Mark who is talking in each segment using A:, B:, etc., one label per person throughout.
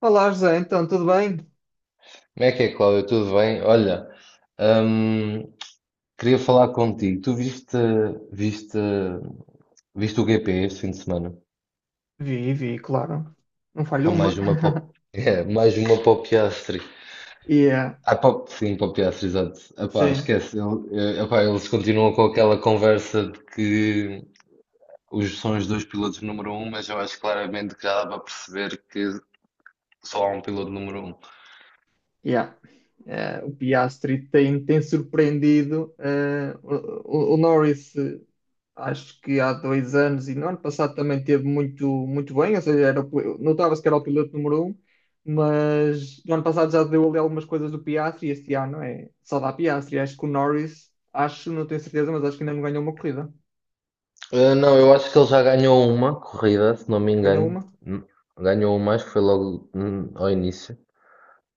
A: Olá, José, então, tudo bem?
B: Como é que é, Cláudio? Tudo bem? Olha, hum, queria falar contigo. Tu viste, viste o GP este fim de semana?
A: Vi, vi, claro. Não falho
B: Epá,
A: uma.
B: mais uma para, o- é, mais uma para o Piastri.
A: Yeah,
B: Ah, sim, para o Piastri, exato. Epá,
A: sim,
B: esquece. Epá, eles continuam com aquela conversa de que são os dois pilotos número um, mas eu acho claramente que já dá para perceber que só há um piloto número um.
A: yeah. O Piastri tem surpreendido. O Norris, acho que há dois anos e no ano passado também teve muito, muito bem, ou seja, era, notava-se que era o piloto número um, mas no ano passado já deu ali algumas coisas do Piastri e este ano é só dá Piastri. Acho que o Norris, acho, não tenho certeza, mas acho que ainda não ganhou uma corrida.
B: Ah, não, eu acho que ele já ganhou uma corrida, se não me
A: Ganhou
B: engano.
A: uma?
B: Ganhou uma, acho que foi logo ao início.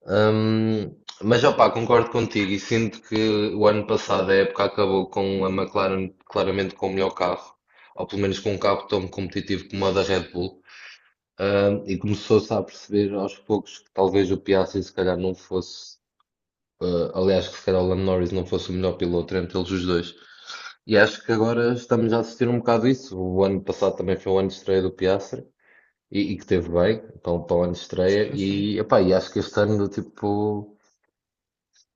B: Hum, mas opá, concordo contigo e sinto que o ano passado a época acabou com a McLaren claramente com o melhor carro, ou pelo menos com um carro tão competitivo como o da Red Bull. E começou-se a perceber aos poucos que talvez o Piastri se calhar não fosse. Aliás, que se calhar o Lando Norris não fosse o melhor piloto entre eles os dois. E acho que agora estamos a assistir um bocado isso. O ano passado também foi o ano de estreia do Piastri e que teve bem para o ano de estreia.
A: Sim, sim.
B: E, epá, e acho que este ano, tipo,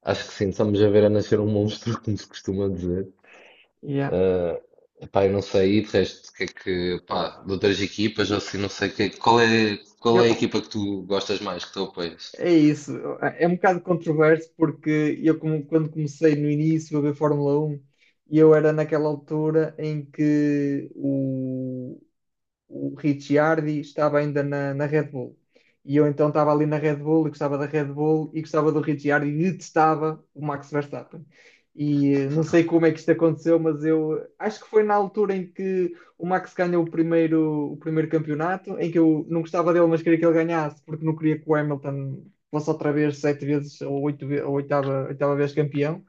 B: acho que sim, estamos a ver a nascer um monstro, como se costuma dizer.
A: Yeah.
B: Uh, epá, eu não sei, e de resto, o que é que, pá, de outras equipas, ou assim, não sei, qual
A: Eu,
B: é a equipa que tu gostas mais, que tu apoias?
A: É isso, é um bocado controverso porque quando comecei no início a ver Fórmula 1, eu era naquela altura em que o Ricciardi estava ainda na Red Bull. E eu então estava ali na Red Bull e gostava da Red Bull e gostava do Ricciardi e detestava o Max Verstappen. E não sei como é que isto aconteceu, mas eu acho que foi na altura em que o Max ganhou o primeiro campeonato, em que eu não gostava dele, mas queria que ele ganhasse, porque não queria que o Hamilton fosse outra vez sete vezes ou oito, ou oitava vez campeão.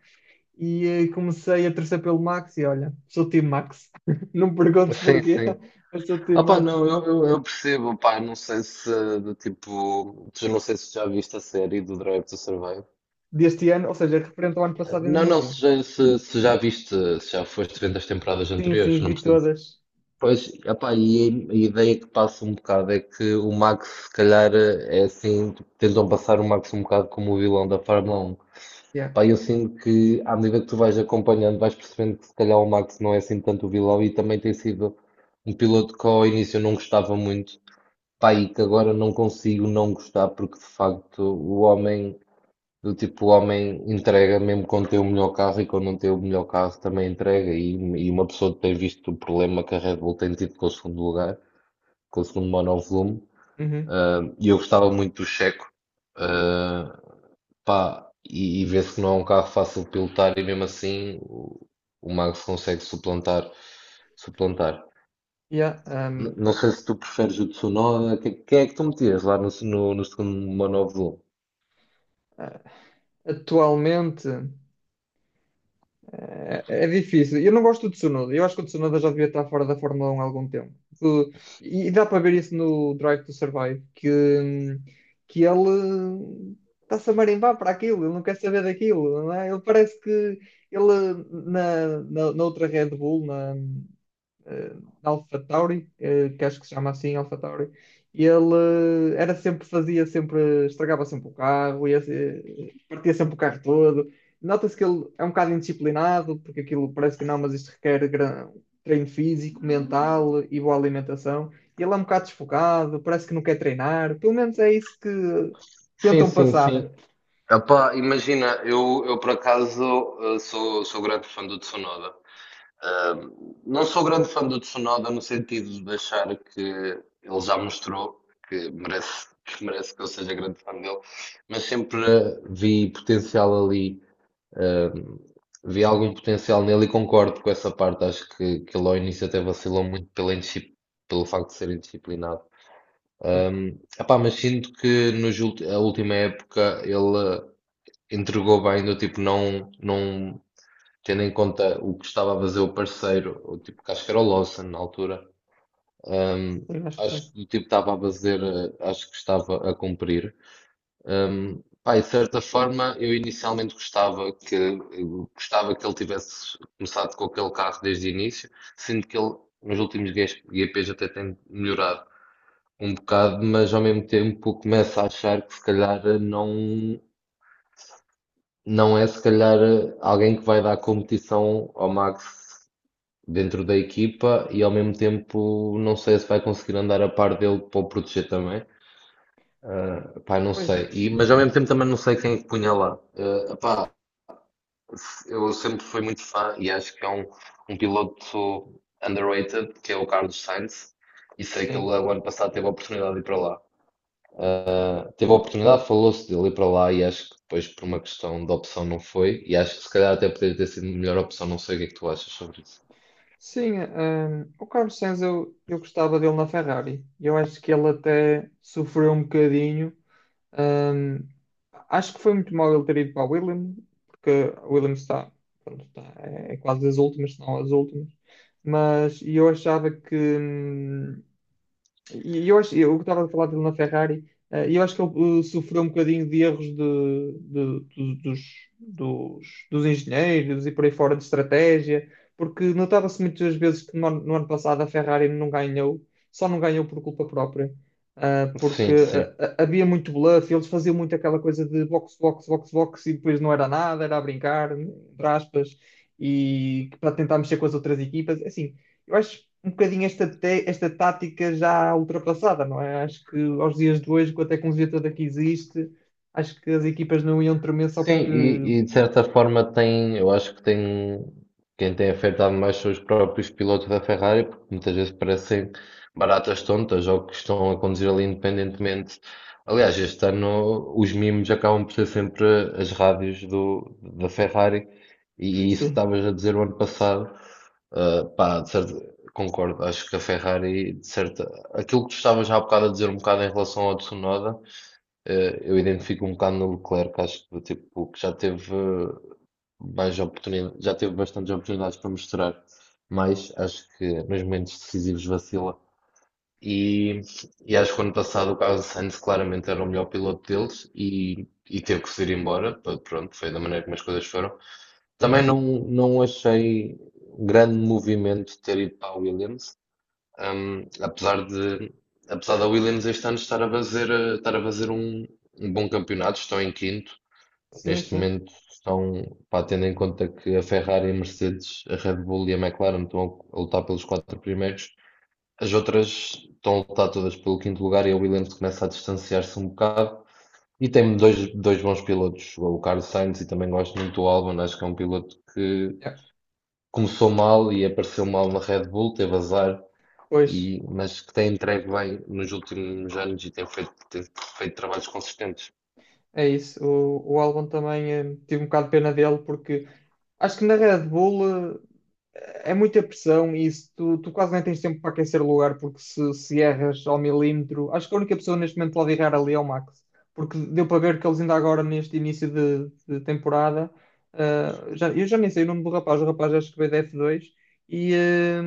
A: E comecei a torcer pelo Max e olha, sou o time Max. Não me perguntes
B: Sim,
A: porquê,
B: sim.
A: mas sou o time
B: Ah pá,
A: Max.
B: não, eu percebo, pá, não sei se, do tipo, tu não sei se já viste a série do Drive to Survive.
A: Deste ano, ou seja, referente ao ano passado ainda
B: Não,
A: não
B: não,
A: vi.
B: se já viste, se já foste vendo as temporadas
A: Sim, sim,
B: anteriores, não
A: vi
B: preciso.
A: todas.
B: Pois, ah, e a ideia que passa um bocado é que o Max, se calhar, é assim, tipo, tentam passar o Max um bocado como o vilão da Fórmula 1.
A: Yeah.
B: Pá, eu sinto que, à medida que tu vais acompanhando, vais percebendo que se calhar o Max não é assim tanto o vilão e também tem sido um piloto que ao início eu não gostava muito. Pá, e que agora não consigo não gostar, porque de facto o homem, do tipo, o homem entrega mesmo quando tem o melhor carro e quando não tem o melhor carro também entrega. E uma pessoa que tem visto o problema que a Red Bull tem tido com o segundo lugar, com o segundo monovolume,
A: Uhum.
B: ah, e eu gostava muito do Checo. Ah, pá, e vê-se que não é um carro fácil de pilotar e mesmo assim o Max consegue suplantar, suplantar.
A: Yeah, um,
B: Não sei se tu preferes o Tsunoda. Quem é que tu metias lá no segundo monóvulo?
A: a- atualmente difícil. Eu não gosto do Tsunoda. Eu acho que o Tsunoda já devia estar fora da Fórmula 1 há algum tempo. O- e dá para ver isso no Drive to Survive, hum, que ele está-se a marimbar para aquilo, ele não quer saber daquilo, não é? Ele parece que ele na outra Red Bull, eh, Alpha Tauri, que acho que se chama assim, Alpha Tauri. E ele era sempre, fazia sempre, estragava sempre o carro, ia, se- partia sempre o carro todo. Nota-se que ele é um bocado indisciplinado, porque aquilo parece que não, mas isto requer treino físico, mental e boa alimentação. E ele é um bocado desfocado, parece que não quer treinar, pelo menos é isso que
B: Sim,
A: tentam
B: sim,
A: passar.
B: sim. Epá, imagina, eu por acaso sou grande fã do Tsunoda. Ah, não sou grande fã do Tsunoda no sentido de achar que ele já mostrou que merece, que eu seja grande fã dele, mas sempre vi potencial ali. Ahm, vi algum potencial nele e concordo com essa parte. Acho que ele ao início até vacilou muito pelo facto de ser indisciplinado.
A: Yeah.
B: Epá, mas sinto que a última época ele entregou bem, do tipo, não, não tendo em conta o que estava a fazer o parceiro, o tipo, que acho que era o Lawson na altura. Ahm,
A: Sim, acho que
B: acho
A: sim.
B: que o tipo estava a fazer, acho que estava a cumprir. Pá, e de certa forma, eu inicialmente gostava eu gostava que ele tivesse começado com aquele carro desde o início, sendo que ele nos últimos GPs até tem melhorado um bocado, mas ao mesmo tempo começa a achar que se calhar não, não é se calhar alguém que vai dar competição ao Max dentro da equipa e ao mesmo tempo não sei se vai conseguir andar a par dele para o proteger também. Ah, pá, não
A: Pois,
B: sei. E, mas ao mesmo tempo também não sei quem é que punha lá. Ah, eu sempre fui muito fã e acho que é um piloto underrated, que é o Carlos Sainz, e sei que ele
A: sim.
B: o ano passado teve a oportunidade de ir para lá. Teve a oportunidade, falou-se dele ir para lá e acho que depois por uma questão de opção não foi, e acho que se calhar até poderia ter sido a melhor opção, não sei o que é que tu achas sobre isso.
A: Sim, o Carlos Sainz eu gostava dele na Ferrari. Eu acho que ele até sofreu um bocadinho. Hum, acho que foi muito mal ele ter ido para a Williams, porque a Williams está, pronto, está, é quase as últimas, se não as últimas. Mas e eu achava que, eu estava a falar dele na Ferrari, e eu acho que ele sofreu um bocadinho de erros de- do- dos, dos engenheiros e por aí fora de estratégia, porque notava-se muitas vezes que no ano passado a Ferrari não ganhou, só não ganhou por culpa própria, porque
B: Sim, sim.
A: havia muito bluff, eles faziam muito aquela coisa de box, box, box, box, e depois não era nada, era a brincar, entre aspas, e para tentar mexer com as outras equipas, assim. Eu acho um bocadinho esta tática já ultrapassada, não é? Acho que aos dias de hoje, com a tecnologia toda que existe, acho que as equipas não iam tremer só
B: Sim,
A: porque.
B: e de certa forma tem, eu acho que tem, quem tem afetado mais são os próprios pilotos da Ferrari, porque muitas vezes parecem baratas tontas ou que estão a conduzir ali independentemente. Aliás, este ano os mimos acabam por ser sempre as rádios da Ferrari, e isso que
A: Sim,
B: estavas a dizer o ano passado. Ah, pá, concordo, acho que a Ferrari, de certa, aquilo que tu estavas já há bocado a dizer um bocado em relação ao Tsunoda. Eu identifico um bocado no Leclerc, acho que tipo, que já teve mais oportunidades, já teve bastantes oportunidades para mostrar, mas acho que nos momentos decisivos vacila. E, e acho que o ano passado o Carlos Sainz claramente era o melhor piloto deles e teve que se ir embora. Pronto, foi da maneira como as coisas foram. Também não, não achei grande movimento ter ido para a Williams. Apesar de, apesar da Williams este ano estar a fazer, estar a fazer um bom campeonato, estão em quinto.
A: sim,
B: Neste
A: sim.
B: momento estão, pá, tendo em conta que a Ferrari, a Mercedes, a Red Bull e a McLaren estão a lutar pelos quatro primeiros. As outras estão a lutar todas pelo quinto lugar e a Williams começa a distanciar-se um bocado. E tem dois bons pilotos, o Carlos Sainz e também gosto muito do Albon, acho que é um piloto que
A: Yeah.
B: começou mal e apareceu mal na Red Bull, teve azar,
A: Pois
B: e, mas que tem entregue bem nos últimos anos e tem feito trabalhos consistentes.
A: é isso. O Albon também tive um bocado de pena dele porque acho que na Red Bull é muita pressão e isso, tu quase nem tens tempo para aquecer o lugar, porque se erras ao milímetro, acho que a única pessoa neste momento pode errar ali é o Max, porque deu para ver que eles ainda agora, neste início de temporada, eu já nem sei o nome do rapaz, o rapaz acho que veio da F2 e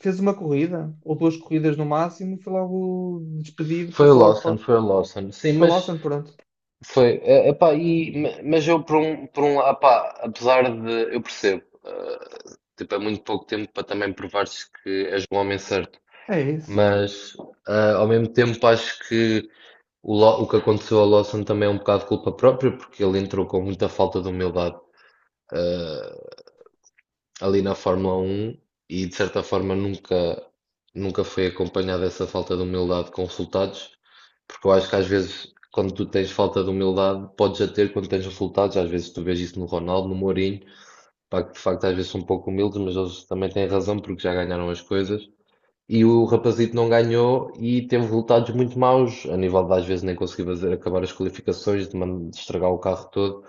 A: fez uma corrida, ou duas corridas no máximo, e foi logo despedido,
B: Foi o
A: passou logo para,
B: Lawson, foi o Lawson. Sim,
A: foi lá,
B: mas
A: pronto.
B: foi. Epá, e, mas eu por um lado, epá, apesar de. Eu percebo, tipo, é muito pouco tempo para também provares que és um homem certo.
A: É isso.
B: Mas ao mesmo tempo acho que o que aconteceu ao Lawson também é um bocado culpa própria, porque ele entrou com muita falta de humildade, eh, ali na Fórmula 1. E de certa forma nunca, nunca foi acompanhada essa falta de humildade com resultados, porque eu acho que às vezes quando tu tens falta de humildade podes já ter quando tens resultados, às vezes tu vês isso no Ronaldo, no Mourinho, pá, que de facto às vezes são um pouco humildes, mas eles também têm razão porque já ganharam as coisas. E o rapazito não ganhou e teve resultados muito maus, a nível de às vezes nem conseguir fazer, acabar as qualificações, de estragar o carro todo.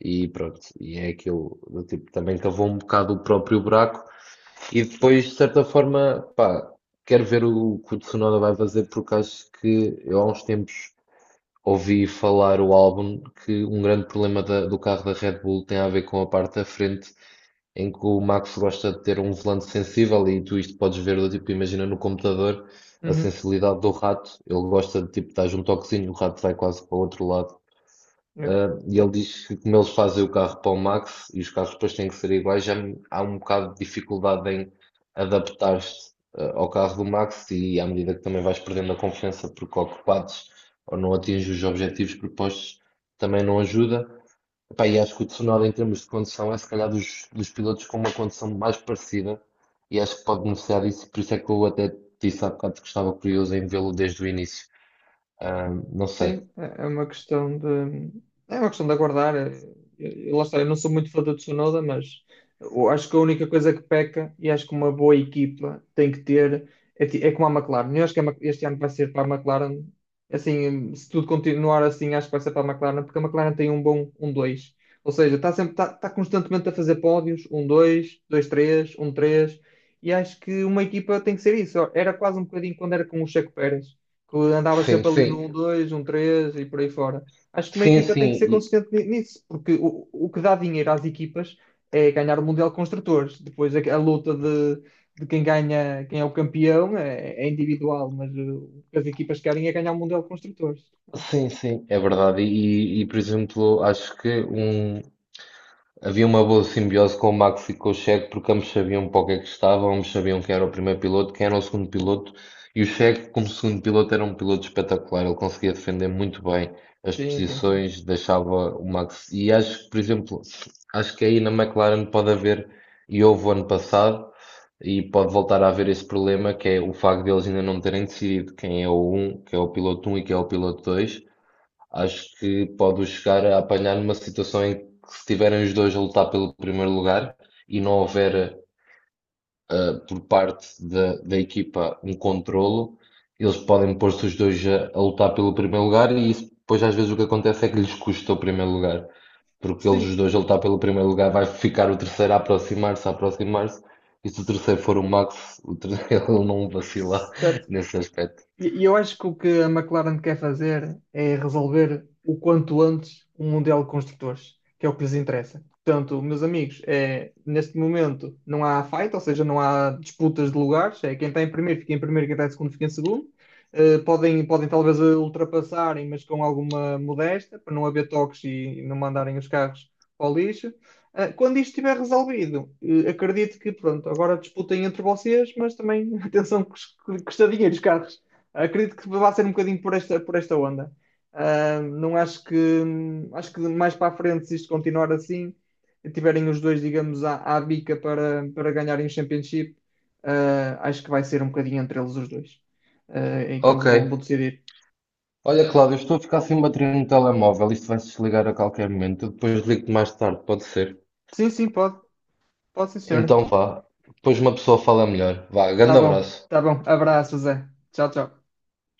B: E pronto, e é aquilo do tipo, também cavou um bocado o próprio buraco, e depois, de certa forma, pá, quero ver o que o Tsunoda vai fazer, porque acho que eu há uns tempos ouvi falar o álbum que um grande problema do carro da Red Bull tem a ver com a parte da frente, em que o Max gosta de ter um volante sensível e tu isto podes ver, do tipo, imagina no computador a
A: Uhum.
B: sensibilidade do rato, ele gosta de tipo, dar um toquezinho, o rato vai quase para o outro lado.
A: É.
B: Ah, e ele diz que como eles fazem o carro para o Max e os carros depois têm que ser iguais, já há um bocado de dificuldade em adaptar-se ah, ao carro do Max e à medida que também vais perdendo a confiança porque ocupados ou não atinges os objetivos propostos, também não ajuda. Epá, e acho que o Tsunoda em termos de condução é se calhar dos pilotos com uma condução mais parecida e acho que pode beneficiar disso, por isso é que eu até disse há bocado que estava curioso em vê-lo desde o início. Ah, não sei.
A: Sim, é uma questão de. É uma questão de aguardar. Lá está, eu não sou muito fã do Tsunoda, mas eu acho que a única coisa que peca, e acho que uma boa equipa tem que ter, é como a McLaren. Eu acho que este ano vai ser para a McLaren, assim, se tudo continuar assim, acho que vai ser para a McLaren, porque a McLaren tem um bom um dois. Ou seja, está sempre, está constantemente a fazer pódios, um dois, dois três, um três, e acho que uma equipa tem que ser isso. Era quase um bocadinho quando era com o Checo Pérez, que andava
B: Sim,
A: sempre ali no
B: sim.
A: um dois, um três e por aí fora. Acho que uma
B: Sim,
A: equipa tem
B: sim,
A: que ser consistente nisso, porque o que dá dinheiro às equipas é ganhar o Mundial de Construtores. Depois a luta de quem ganha, quem é o campeão é individual, mas o que as equipas querem é ganhar o Mundial de Construtores.
B: sim, sim, é verdade. E, por exemplo, acho que um, havia uma boa simbiose com o Max e com o Checo, porque ambos sabiam para o que é que estavam, ambos sabiam quem era o primeiro piloto, quem era o segundo piloto. E o Checo, como segundo piloto, era um piloto espetacular. Ele conseguia defender muito bem as
A: Sim, sim, sim.
B: posições, deixava o Max. E acho que, por exemplo, acho que aí na McLaren pode haver, e houve o ano passado, e pode voltar a haver esse problema, que é o facto de eles ainda não terem decidido quem é o um, que é o piloto um e quem é o piloto dois. Acho que pode chegar a apanhar numa situação em que se tiverem os dois a lutar pelo primeiro lugar e não houver, ah, por parte da equipa um controlo, eles podem pôr-se os dois a lutar pelo primeiro lugar e isso depois às vezes o que acontece é que lhes custa o primeiro lugar, porque eles
A: Sim,
B: os dois a lutar pelo primeiro lugar vai ficar o terceiro a aproximar-se, e se o terceiro for o Max, o terceiro ele não vacila
A: certo.
B: nesse aspecto.
A: E eu acho que o que a McLaren quer fazer é resolver o quanto antes o Mundial de Construtores, que é o que lhes interessa. Portanto, meus amigos, neste momento não há fight, ou seja, não há disputas de lugares. É, quem está em primeiro fica em primeiro, quem está em segundo fica em segundo. Podem talvez ultrapassarem, mas com alguma modéstia, para não haver toques e não mandarem os carros ao lixo. Ah, quando isto estiver resolvido, acredito que, pronto, agora disputem entre vocês, mas também, atenção, que custa dinheiro os carros. Acredito que vai ser um bocadinho por esta onda. Ah, não acho que, acho que mais para a frente, se isto continuar assim, e tiverem os dois, digamos, à bica para ganharem o Championship, acho que vai ser um bocadinho entre eles os dois, em que eles
B: Ok,
A: vão decidir.
B: olha, Cláudio, estou a ficar sem bateria no telemóvel. Isto vai-se desligar a qualquer momento. Eu depois ligo-te mais tarde, pode ser?
A: Sim, sim, pode, pode sim, senhor.
B: Então vá. Depois uma pessoa fala melhor. Vá,
A: Tá
B: grande
A: bom,
B: abraço.
A: tá bom. Abraço, Zé. Tchau, tchau.